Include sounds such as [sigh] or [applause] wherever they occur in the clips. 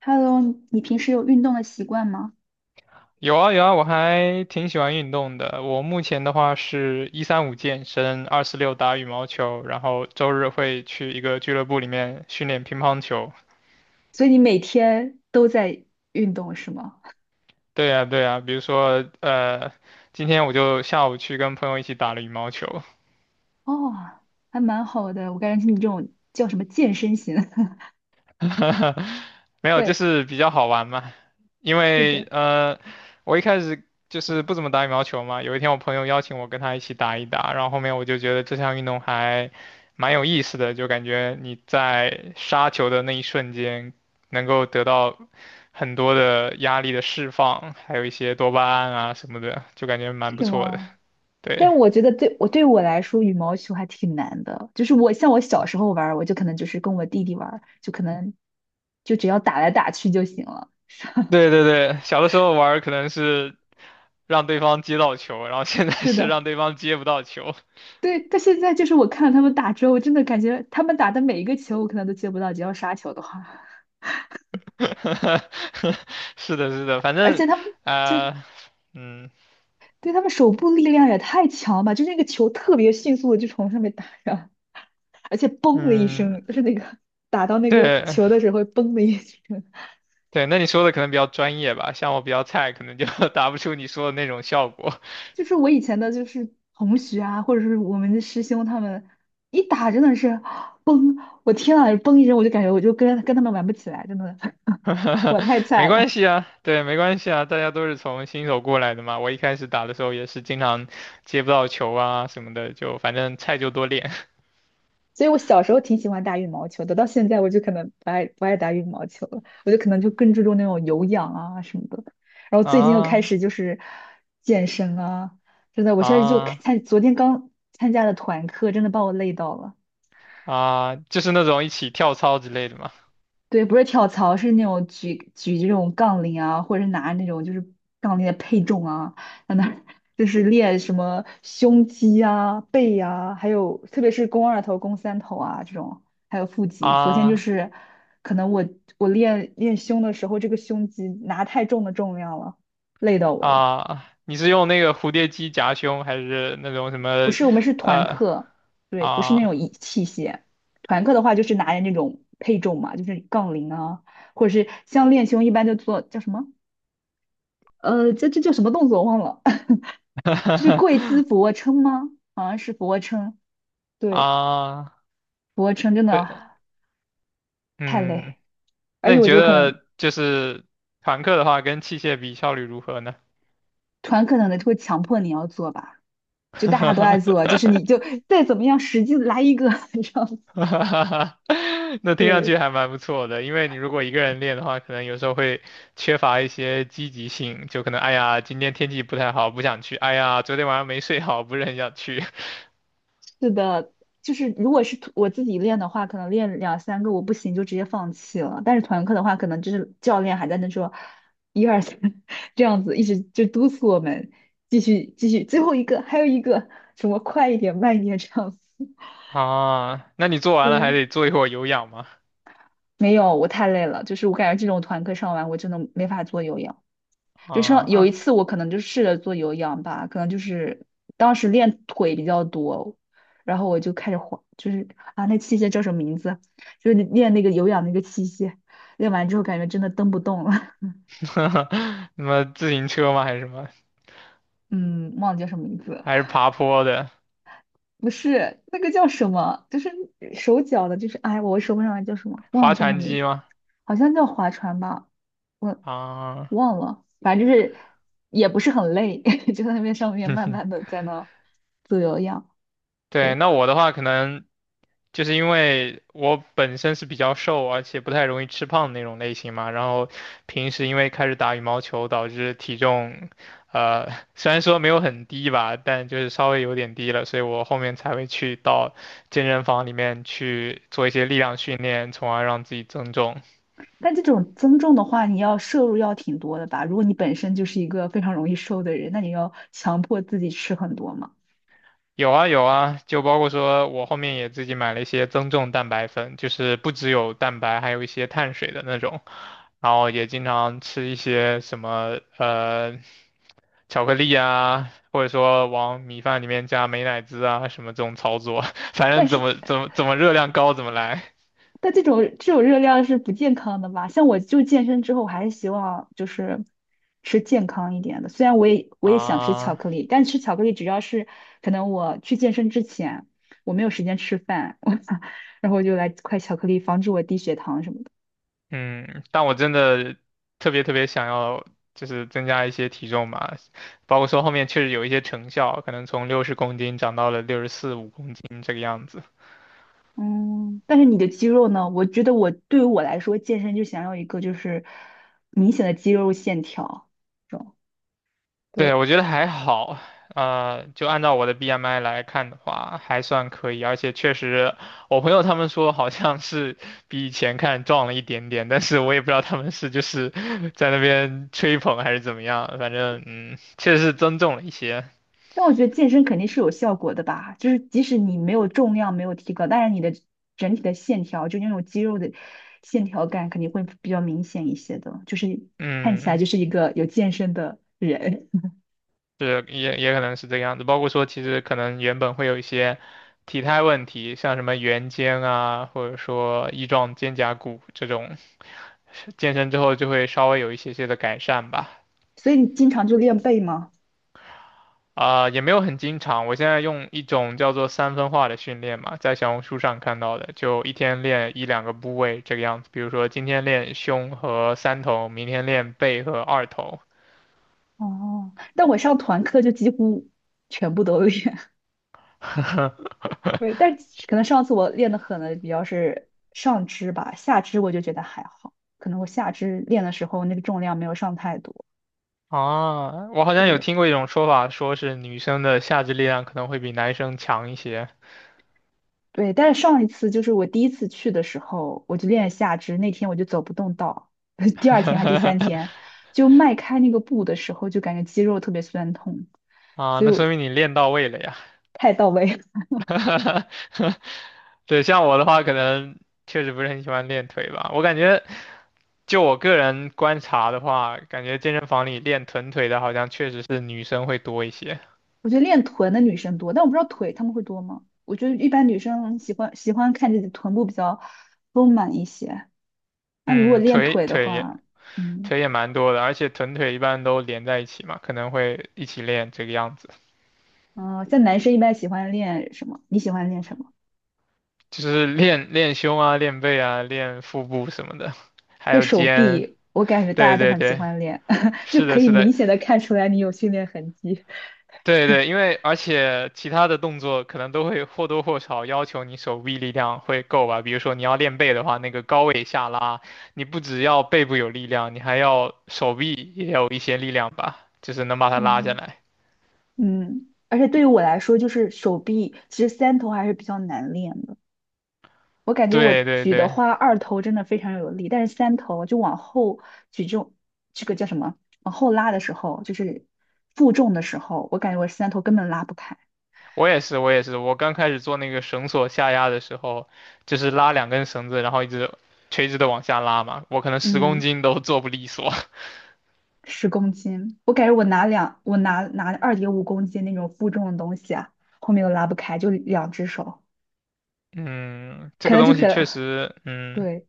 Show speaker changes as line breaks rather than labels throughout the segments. Hello，你平时有运动的习惯吗？
有啊有啊，我还挺喜欢运动的。我目前的话是一三五健身，二四六打羽毛球，然后周日会去一个俱乐部里面训练乒乓球。
所以你每天都在运动是吗？
对呀对呀，比如说今天我就下午去跟朋友一起打了羽毛球。
哦，还蛮好的。我感觉你这种叫什么健身型？[laughs]
[laughs] 没有，就
对，
是比较好玩嘛。因
是
为
的，
我一开始就是不怎么打羽毛球嘛，有一天我朋友邀请我跟他一起打一打，然后后面我就觉得这项运动还蛮有意思的，就感觉你在杀球的那一瞬间能够得到很多的压力的释放，还有一些多巴胺啊什么的，就感觉蛮不
是
错的。
吗？
对，
但我觉得对我来说，羽毛球还挺难的。就是我像我小时候玩儿我就可能就是跟我弟弟玩儿就可能就只要打来打去就行了。
对对对，小的时候玩儿可能是让对方接到球，然后现在
是
是让
的，
对方接不到球。
对。但现在就是我看了他们打之后，我真的感觉他们打的每一个球，我可能都接不到，只要杀球的话。
[laughs] 是的，是的，反
[laughs] 而
正
且他们就
啊、呃嗯
对他们手部力量也太强了吧！就是那个球特别迅速的就从上面打上，而且嘣的一
嗯，
声，就是那个打到那个
对
球的时候嘣的一声。
对，那你说的可能比较专业吧，像我比较菜，可能就 [laughs] 达不出你说的那种效果。
就是我以前的，就是同学啊，或者是我们的师兄他们一打真的是，我天啊，嘣一声我就感觉我就跟他们玩不起来，真的，[laughs] 我太
[laughs] 没
菜了。
关系啊，对，没关系啊，大家都是从新手过来的嘛。我一开始打的时候也是经常接不到球啊什么的，就反正菜就多练
所以我小时候挺喜欢打羽毛球的，到现在我就可能不爱打羽毛球了，我就可能就更注重那种有氧啊什么的。然后
[laughs]
最近又开
啊
始就是健身啊，真的，我现在就
啊
看，昨天刚参加的团课，真的把我累到了。
啊，就是那种一起跳操之类的嘛。
对，不是跳槽，是那种举这种杠铃啊，或者是拿那种就是杠铃的配重啊，在那儿就是练什么胸肌啊、背啊，还有特别是肱二头、肱三头啊这种，还有腹肌。昨天就
啊
是可能我练练胸的时候，这个胸肌拿太重的重量了，累到我了。
啊，你是用那个蝴蝶机夹胸，还是那种什
不
么，
是，我们是团
呃，
课，对，不是那
啊
种仪器械。团课的话就是拿着那种配重嘛，就是杠铃啊，或者是像练胸一般就做叫什么？这叫什么动作我忘了，[laughs] 这是跪姿
[laughs]，
俯卧撑吗？好像是俯卧撑，对，
啊，
俯卧撑真的
对，
太
嗯，
累，而
那
且
你
我
觉
就可能
得就是团课的话，跟器械比效率如何呢？
团课可能会强迫你要做吧，就大家都在做，就是你
[laughs]
就再怎么样使劲来一个，[laughs] 这样，
哈哈哈 [laughs] 那听上去
对，
还蛮不错的，因为你如果一个人练的话，可能有时候会缺乏一些积极性，就可能哎呀，今天天气不太好，不想去；哎呀，昨天晚上没睡好，不是很想去。
是的，就是如果是我自己练的话，可能练两三个我不行就直接放弃了。但是团课的话，可能就是教练还在那说一二三 [laughs] 这样子，一直就督促我们继续继续，最后一个还有一个什么快一点慢一点这样子。[laughs]
啊，那你做完了还
对，
得做一会儿有氧吗？
没有，我太累了，就是我感觉这种团课上完我真的没法做有氧。就像有一
啊，
次我可能就试着做有氧吧，可能就是当时练腿比较多，然后我就开始滑，就是啊那器械叫什么名字？就是练那个有氧那个器械，练完之后感觉真的蹬不动了，
[laughs] 什么自行车吗？还是什么？
[laughs] 嗯，忘了叫什么名字了
还是爬坡的？
不是那个叫什么，就是手脚的，就是哎我说不上来叫什么，忘了
划
叫什么
船
名字，
机吗？
好像叫划船吧，我
啊，
忘了，反正就是也不是很累，[laughs] 就在那边上面慢慢
[laughs]
的在那做有氧。
对，
对。
那我的话可能。就是因为我本身是比较瘦，而且不太容易吃胖的那种类型嘛，然后平时因为开始打羽毛球，导致体重，呃，[laughs] 虽然说没有很低吧，但就是稍微有点低了，所以我后面才会去到健身房里面去做一些力量训练，从而让自己增重。
但这种增重的话，你要摄入要挺多的吧？如果你本身就是一个非常容易瘦的人，那你要强迫自己吃很多嘛。
有啊有啊，就包括说我后面也自己买了一些增重蛋白粉，就是不只有蛋白，还有一些碳水的那种。然后也经常吃一些什么巧克力啊，或者说往米饭里面加美乃滋啊，什么这种操作，[laughs] 反
但
正怎
是，
么怎么怎么热量高怎么来
但这种热量是不健康的吧？像我就健身之后，我还是希望就是吃健康一点的。虽然我也想吃巧
啊。
克力，但吃巧克力只要是可能我去健身之前我没有时间吃饭，[laughs] 我然后我就来块巧克力，防止我低血糖什么的。
嗯，但我真的特别特别想要，就是增加一些体重吧，包括说后面确实有一些成效，可能从60公斤长到了64、65公斤这个样子。
嗯，但是你的肌肉呢？我觉得对于我来说，健身就想要一个就是明显的肌肉线条这种。
对，
对，
我觉得还好，就按照我的 BMI 来看的话，还算可以，而且确实，我朋友他们说好像是比以前看壮了一点点，但是我也不知道他们是就是 [laughs] 在那边吹捧还是怎么样，反正嗯，确实是增重了一些，
但我觉得健身肯定是有效果的吧，就是即使你没有重量没有提高，但是你的整体的线条，就那种肌肉的线条感肯定会比较明显一些的，就是看起来
嗯，
就是一个有健身的人。
是也也可能是这个样子，包括说其实可能原本会有一些体态问题，像什么圆肩啊，或者说翼状肩胛骨这种，健身之后就会稍微有一些些的改善吧。
[laughs] 所以你经常就练背吗？
也没有很经常。我现在用一种叫做三分化的训练嘛，在小红书上看到的，就一天练一两个部位这个样子。比如说今天练胸和三头，明天练背和二头。
哦，但我上团课就几乎全部都练，对，但是可能上次我练的狠的比较是上肢吧，下肢我就觉得还好，可能我下肢练的时候那个重量没有上太多。
啊，我好像有
对
听过一种说法，说是女生的下肢力量可能会比男生强一些。
对，但是上一次就是我第一次去的时候，我就练下肢，那天我就走不动道，[laughs] 第二天还第三天，
[laughs]
就迈开那个步的时候就感觉肌肉特别酸痛，
啊，
所以
那
我
说明你练到位了呀。
太到位了。
[laughs] 对，像我的话，可能确实不是很喜欢练腿吧。我感觉，就我个人观察的话，感觉健身房里练臀腿的，好像确实是女生会多一些。
[laughs] 我觉得练臀的女生多，但我不知道腿她们会多吗？我觉得一般女生喜欢看自己的臀部比较丰满一些。那如果
嗯，
练腿的话，嗯，
腿也蛮多的，而且臀腿一般都连在一起嘛，可能会一起练这个样子，
哦，像男生一般喜欢练什么？你喜欢练什么？
就是练练胸啊、练背啊、练腹部什么的，还
可以
有
手
肩。
臂，我感觉大家
对
都
对
很喜
对，
欢练，[laughs] 就
是的，
可以
是的，
明显的看出来你有训练痕迹。
对对，因为而且其他的动作可能都会或多或少要求你手臂力量会够吧。比如说你要练背的话，那个高位下拉，你不只要背部有力量，你还要手臂也有一些力量吧，就是能把它拉下
嗯，
来。
嗯，而且对于我来说，就是手臂其实三头还是比较难练的。我感觉我
对对
举的
对，
话，二头真的非常有力，但是三头就往后举重，这个叫什么？往后拉的时候，就是负重的时候，我感觉我三头根本拉不开。
我也是，我也是。我刚开始做那个绳索下压的时候，就是拉两根绳子，然后一直垂直的往下拉嘛，我可能十公
嗯。
斤都做不利索。[laughs]
10公斤，我感觉我拿2.5公斤那种负重的东西啊，后面都拉不开，就两只手，
嗯，这
可
个
能就
东西确
可，
实，嗯。
对，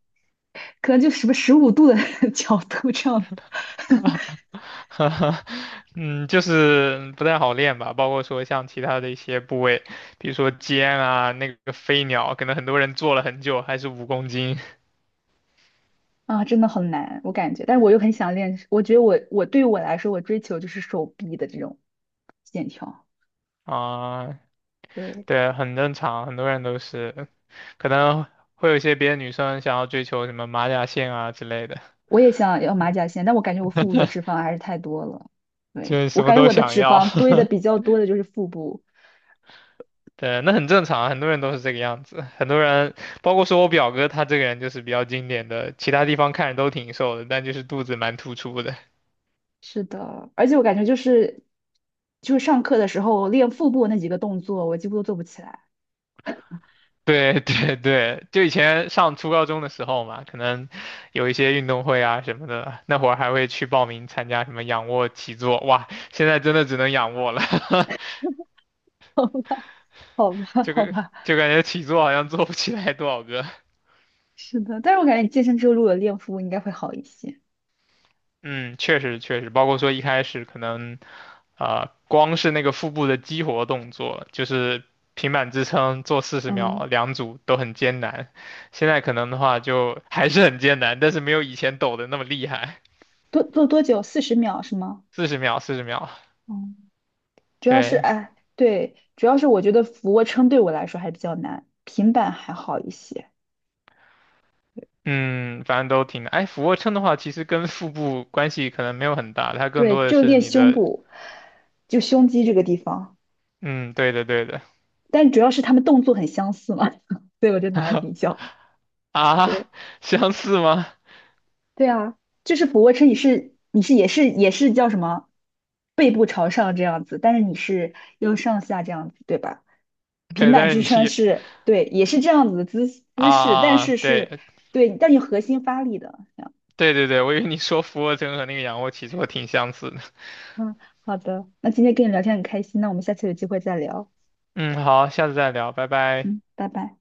可能就什么15度的 [laughs] 角度这样子 [laughs]
[laughs] 哈哈，嗯，就是不太好练吧，包括说像其他的一些部位，比如说肩啊，那个飞鸟，可能很多人做了很久还是五公斤
啊，真的很难，我感觉，但是我又很想练，我觉得我对于我来说，我追求就是手臂的这种线条，
啊，
对，
对，很正常，很多人都是，可能会有一些别的女生想要追求什么马甲线啊之类的，
我也想要马甲线，但我感觉我腹部的脂肪还是太多了，
就
对，
是
我
什么
感觉
都
我的
想
脂
要，
肪堆
[laughs]
的比较多的就是腹部。
对，那很正常，很多人都是这个样子，很多人，包括说我表哥他这个人就是比较经典的，其他地方看着都挺瘦的，但就是肚子蛮突出的。
是的，而且我感觉就是，就是上课的时候，练腹部那几个动作，我几乎都做不起来。
[laughs] 对对对，就以前上初高中的时候嘛，可能有一些运动会啊什么的，那会儿还会去报名参加什么仰卧起坐，哇，现在真的只能仰卧了，
[laughs] 好
[laughs]
吧，
这
好
个
吧，
就感觉起坐好像做不起来多少个。
是的，但是我感觉你健身之后如果有练腹部，应该会好一些。
嗯，确实确实，包括说一开始可能，光是那个腹部的激活动作，就是平板支撑做四十秒
嗯，
两组都很艰难，现在可能的话就还是很艰难，但是没有以前抖的那么厉害。
多做多久？40秒是吗？
四十秒，四十秒，
嗯，主要是
对，
哎，对，主要是我觉得俯卧撑对我来说还比较难，平板还好一些。
嗯，反正都挺哎，俯卧撑的话，其实跟腹部关系可能没有很大，它更
对，
多的
就
是
练
你
胸
的，
部，就胸肌这个地方，
嗯，对的，对的。
但主要是他们动作很相似嘛，[laughs] 所以我就拿来比较。
啊，
对。
[laughs] 相似吗？
对啊，就是俯卧撑，你是也是叫什么，背部朝上这样子，但是你是用上下这样子，对吧？平
对，
板
但是
支
你
撑
也
是对，也是这样子的姿
啊
姿势，但
啊
是
啊，
是
对，
对，但你核心发力的这样。
对对对，我以为你说俯卧撑和那个仰卧起坐挺相似的。
嗯，好的，那今天跟你聊天很开心，那我们下次有机会再聊。
嗯，好，下次再聊，拜拜。
嗯，拜拜。